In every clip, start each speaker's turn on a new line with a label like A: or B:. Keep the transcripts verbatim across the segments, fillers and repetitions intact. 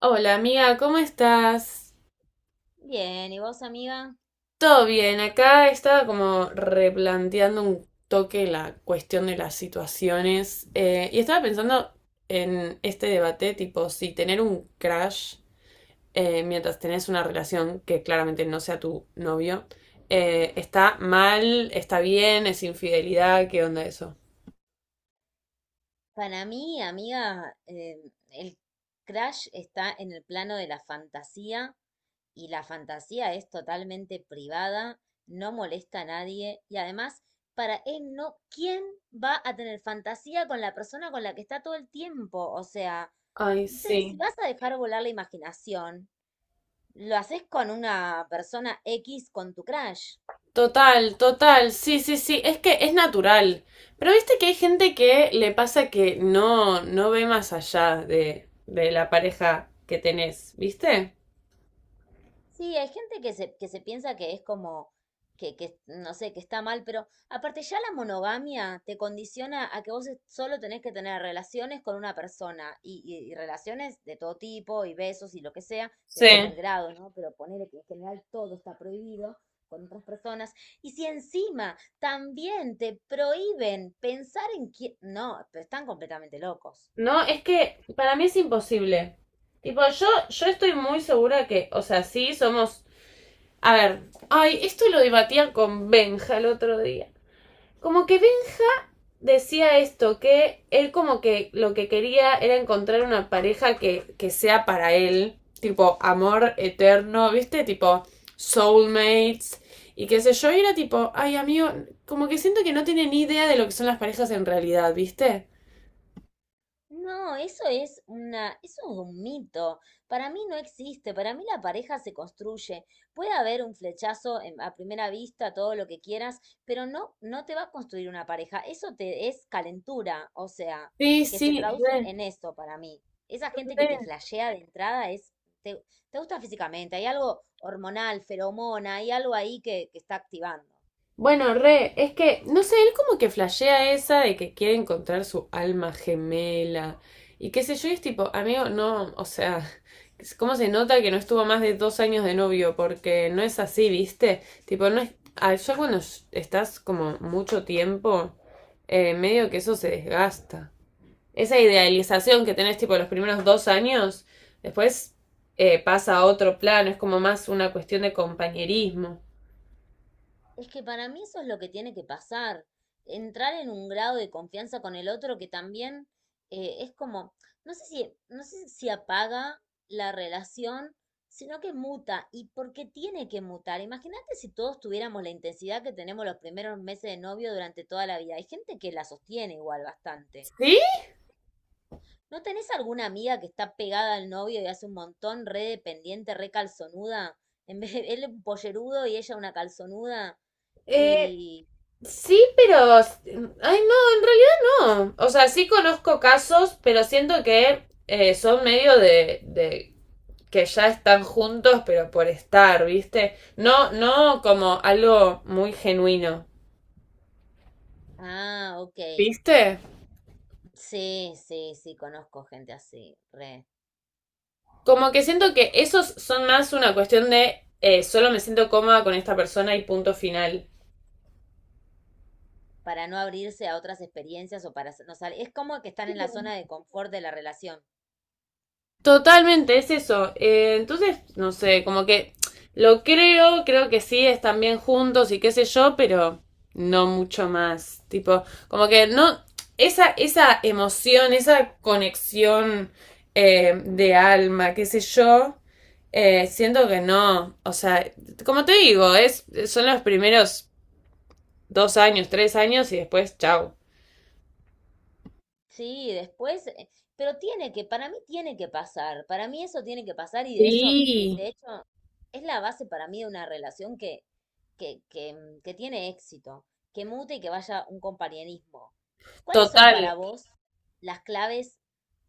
A: Hola amiga, ¿cómo estás?
B: Bien, ¿y vos, amiga?
A: Todo bien, acá estaba como replanteando un toque la cuestión de las situaciones eh, y estaba pensando en este debate tipo si tener un crush eh, mientras tenés una relación que claramente no sea tu novio eh, está mal, está bien, es infidelidad, ¿qué onda eso?
B: Para mí, amiga, eh, el Crash está en el plano de la fantasía y la fantasía es totalmente privada, no molesta a nadie y además, para él no, ¿quién va a tener fantasía con la persona con la que está todo el tiempo? O sea,
A: Ay, sí.
B: entonces, si vas a dejar volar la imaginación, lo haces con una persona X con tu Crash.
A: Total, total, sí, sí, sí, es que es natural. Pero viste que hay gente que le pasa que no, no ve más allá de, de la pareja que tenés, ¿viste?
B: Sí, hay gente que se, que se piensa que es como, que, que, no sé, que está mal, pero aparte ya la monogamia te condiciona a que vos es- solo tenés que tener relaciones con una persona y, y- y relaciones de todo tipo y besos y lo que sea,
A: Sí.
B: depende del grado, ¿no? Pero poner que en general todo está prohibido con otras personas. Y si encima también te prohíben pensar en quién... No, pero están completamente locos.
A: No, es que para mí es imposible. Tipo, yo, yo estoy muy segura que, o sea, sí somos. A ver, ay, esto lo debatía con Benja el otro día. Como que Benja decía esto, que él como que lo que quería era encontrar una pareja que, que sea para él, tipo amor eterno, ¿viste? Tipo soulmates y qué sé yo, y era tipo, ay, amigo, como que siento que no tiene ni idea de lo que son las parejas en realidad, ¿viste?
B: No, eso es una, eso es un mito. Para mí no existe. Para mí la pareja se construye. Puede haber un flechazo en- a primera vista, todo lo que quieras, pero no, no te va a construir una pareja. Eso te es calentura, o sea,
A: Sí,
B: que se
A: sí,
B: traduce
A: re,
B: en eso para mí. Esa gente que te
A: re.
B: flashea de entrada es, te, te gusta físicamente. Hay algo hormonal, feromona, hay algo ahí que, que está activando.
A: Bueno, re, es que, no sé, él como que flashea esa de que quiere encontrar su alma gemela y qué sé yo, y es tipo, amigo, no, o sea, ¿cómo se nota que no estuvo más de dos años de novio? Porque no es así, ¿viste? Tipo, no es, ah, ya cuando estás como mucho tiempo, eh, medio que eso se desgasta. Esa idealización que tenés tipo los primeros dos años, después eh, pasa a otro plano, es como más una cuestión de compañerismo.
B: Es que para mí eso es lo que tiene que pasar, entrar en un grado de confianza con el otro que también eh, es como, no sé si, no sé si apaga la relación, sino que muta. ¿Y porque tiene que mutar? Imagínate si todos tuviéramos la intensidad que tenemos los primeros meses de novio durante toda la vida. Hay gente que la sostiene igual bastante.
A: ¿Sí?
B: ¿No tenés alguna amiga que está pegada al novio y hace un montón, re dependiente, re calzonuda? En vez de él un pollerudo y ella una calzonuda.
A: Eh,
B: Y
A: Sí, pero. Ay, no, en realidad no. O sea, sí conozco casos, pero siento que eh, son medio de, de. que ya están juntos, pero por estar, ¿viste? No, no como algo muy genuino.
B: Ah, ok.
A: ¿Viste?
B: Sí, sí, sí, conozco gente así, re.
A: Como que siento que esos son más una cuestión de eh, solo me siento cómoda con esta persona y punto final.
B: Para no abrirse a otras experiencias o para no salir. Es como que están en la zona de confort de la relación.
A: Totalmente, es eso. Eh, entonces, no sé, como que lo creo, creo que sí, están bien juntos y qué sé yo, pero no mucho más. Tipo, como que no, esa, esa emoción, esa conexión eh, de alma, qué sé yo, eh, siento que no. O sea, como te digo, es, son los primeros dos años, tres años y después, chao.
B: Sí, después, eh, pero tiene que, para mí tiene que pasar, para mí eso tiene que pasar y de eso, de,
A: Sí,
B: de hecho, es la base para mí de una relación que, que, que, mm, que tiene éxito, que mute y que vaya un compañerismo. ¿Cuáles son
A: total.
B: para vos las claves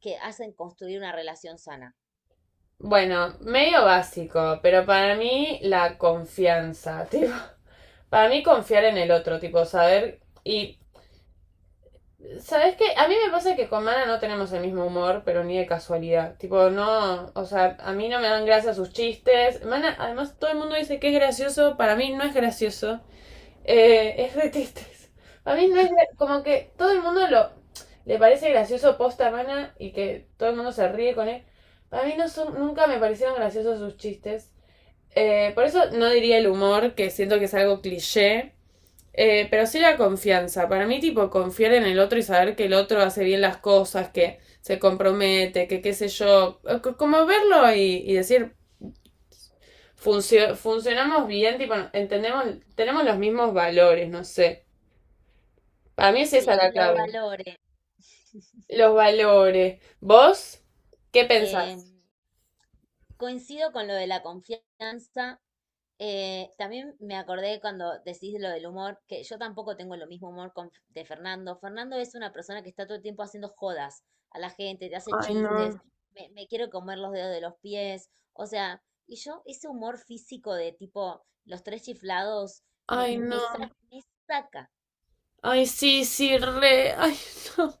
B: que hacen construir una relación sana?
A: Bueno, medio básico, pero para mí la confianza, tipo, para mí confiar en el otro, tipo, saber y ¿sabes qué? A mí me pasa que con Mana no tenemos el mismo humor, pero ni de casualidad. Tipo, no, o sea, a mí no me dan gracia sus chistes. Mana, además todo el mundo dice que es gracioso, para mí no es gracioso. Eh, es de tristes. A mí no es gra- como que todo el mundo lo le parece gracioso posta Mana y que todo el mundo se ríe con él. A mí no son, nunca me parecieron graciosos sus chistes. Eh, por eso no diría el humor, que siento que es algo cliché. Eh, pero sí la confianza. Para mí, tipo, confiar en el otro y saber que el otro hace bien las cosas, que se compromete, que qué sé yo. C- Como verlo y, y decir, "Funcio- funcionamos bien, tipo, entendemos, tenemos los mismos valores, no sé. Para mí es esa
B: Sí,
A: la
B: lo
A: clave.
B: valore.
A: Los valores. ¿Vos qué
B: Eh,
A: pensás?
B: coincido con lo de la confianza. Eh, también me acordé cuando decís lo del humor, que yo tampoco tengo lo mismo humor con- de Fernando. Fernando es una persona que está todo el tiempo haciendo jodas a la gente, te hace
A: Ay,
B: chistes,
A: no.
B: me, me quiero comer los dedos de los pies, o sea, y yo ese humor físico de tipo los Tres Chiflados me,
A: Ay,
B: me sa-
A: no.
B: me saca.
A: Ay, sí, sí, re. Ay, no.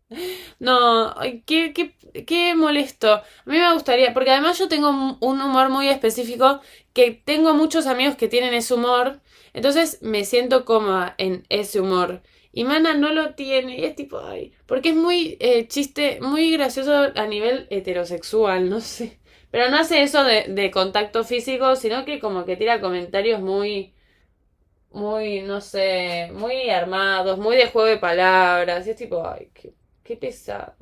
A: No, ay, qué, qué, qué molesto. A mí me gustaría, porque además yo tengo un un humor muy específico, que tengo muchos amigos que tienen ese humor, entonces me siento cómoda en ese humor. Y Mana no lo tiene, y es tipo, ay, porque es muy eh, chiste, muy gracioso a nivel heterosexual, no sé. Pero no hace eso de, de contacto físico, sino que como que tira comentarios muy muy, no sé, muy armados, muy de juego de palabras. Y es tipo, ay, qué, qué pesado.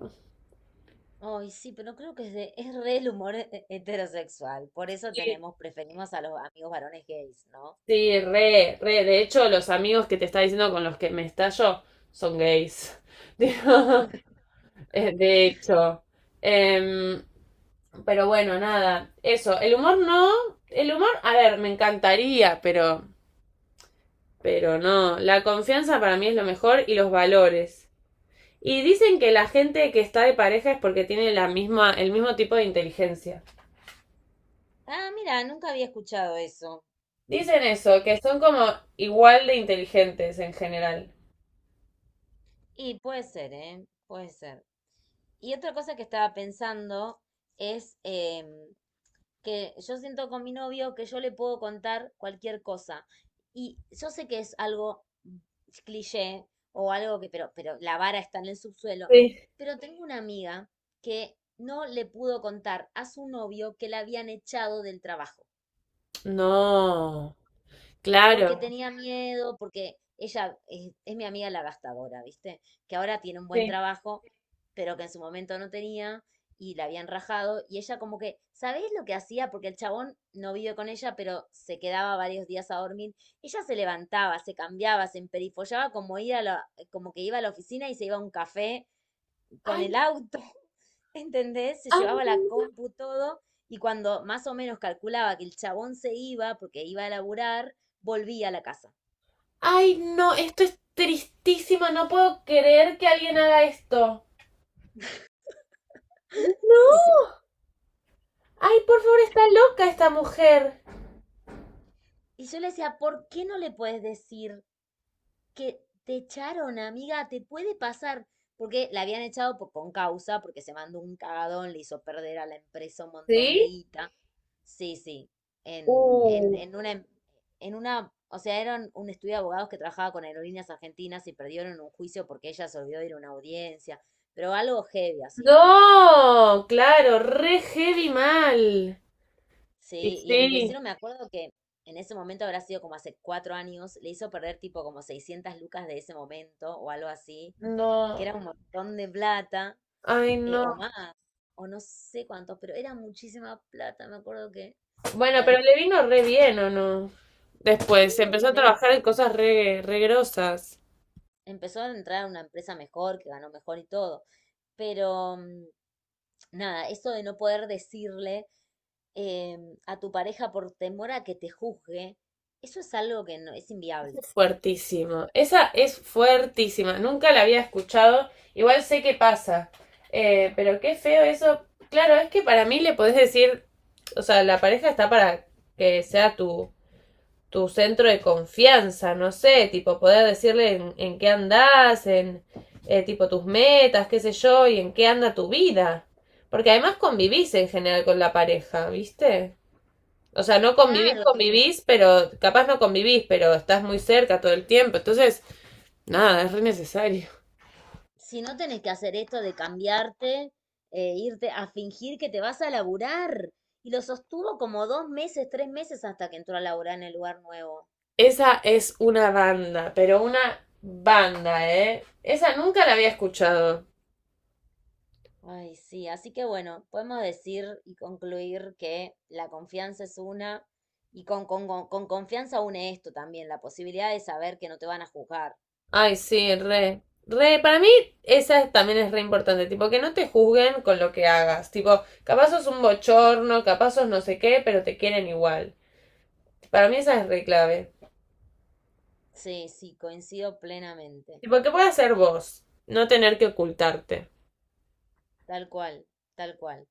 B: Ay, sí, pero creo que es, de, es re el humor he- heterosexual. Por eso
A: Sí,
B: tenemos, preferimos a los amigos varones gays, ¿no?
A: sí, re, re. De hecho, los amigos que te está diciendo con los que me estallo son gays. Digo, eh, de hecho. Em, pero bueno, nada. Eso, el humor no. El humor, a ver, me encantaría, pero, pero no. La confianza para mí es lo mejor y los valores. Y dicen que la gente que está de pareja es porque tiene la misma, el mismo tipo de inteligencia.
B: Ah, mira, nunca había escuchado eso.
A: Dicen eso, que son como igual de inteligentes en general.
B: Y puede ser, ¿eh? Puede ser. Y otra cosa que estaba pensando es em, que yo siento con mi novio que yo le puedo contar cualquier cosa. Y yo sé que es algo cliché o algo que, pero, pero la vara está en el subsuelo.
A: Sí,
B: Pero tengo una amiga que no le pudo contar a su novio que la habían echado del trabajo
A: No,
B: porque
A: claro.
B: tenía miedo, porque ella es, es mi amiga la gastadora, ¿viste? Que ahora tiene un buen
A: sí.
B: trabajo, pero que en su momento no tenía y la habían rajado. Y ella como que, ¿sabés lo que hacía? Porque el chabón no vive con ella, pero se quedaba varios días a dormir. Ella se levantaba, se cambiaba, se emperifollaba como, ir a la- como que iba a la oficina y se iba a un café con
A: Ay,
B: el auto, ¿entendés? Se
A: ay,
B: llevaba la compu, todo, y cuando más o menos calculaba que el chabón se iba, porque iba a laburar, volvía a la casa.
A: ay, no, esto es tristísimo, no puedo creer que alguien haga esto.
B: Sí.
A: No. Ay, por favor, está loca esta mujer.
B: Y yo le decía, ¿por qué no le puedes decir que te echaron, amiga, te puede pasar. Porque la habían echado por, con causa, porque se mandó un cagadón, le hizo perder a la empresa un montón de
A: ¿Sí?
B: guita. Sí, sí. En, en,
A: Uh.
B: en una, em- en una, o sea, eran un estudio de abogados que trabajaba con aerolíneas argentinas y perdieron un juicio porque ella se olvidó de ir a una audiencia. Pero algo heavy, así.
A: No, claro, re heavy mal. Y
B: Sí, y en, le
A: sí,
B: hicieron, me acuerdo que en ese momento habrá sido como hace cuatro años, le hizo perder tipo como seiscientas lucas de ese momento o algo así, que
A: No,
B: era un montón de plata,
A: ay,
B: eh, o
A: no.
B: más, o no sé cuántos, pero era muchísima plata, me acuerdo que,
A: Bueno, pero
B: bueno,
A: le vino re bien, ¿o no?
B: sí,
A: Después empezó a trabajar en
B: obviamente,
A: cosas re, re grosas.
B: empezó a entrar a una empresa mejor, que ganó mejor y todo, pero mm, nada, eso de no poder decirle em, a tu pareja por temor a que te juzgue, eso es algo que no, es inviable.
A: Fuertísimo. Esa es fuertísima. Nunca la había escuchado. Igual sé qué pasa. Eh, pero qué feo eso. Claro, es que para mí le podés decir, o sea, la pareja está para que sea tu, tu centro de confianza, no sé, tipo poder decirle en, en qué andás, en eh, tipo tus metas, qué sé yo, y en qué anda tu vida. Porque además convivís en general con la pareja, ¿viste? O sea, no convivís,
B: Claro,
A: convivís, pero capaz no convivís, pero estás muy cerca todo el tiempo. Entonces, nada, es re necesario.
B: si no tenés que hacer esto de cambiarte, eh, irte a fingir que te vas a laburar. Y lo sostuvo como dos meses, tres meses hasta que entró a laburar en el lugar nuevo.
A: Esa es una banda, pero una banda, ¿eh? Esa nunca la había escuchado.
B: Ay, sí, así que bueno, podemos decir y concluir que la confianza es una, y con, con, con, con confianza une esto también, la posibilidad de saber que no te van a juzgar.
A: Ay, sí, re. Re, para mí esa también es re importante, tipo, que no te juzguen con lo que hagas, tipo, capaz sos un bochorno, capaz sos no sé qué, pero te quieren igual. Para mí esa es re clave.
B: Sí, sí, coincido plenamente.
A: Tipo, que puedas ser vos, no tener que ocultarte.
B: Tal cual, tal cual.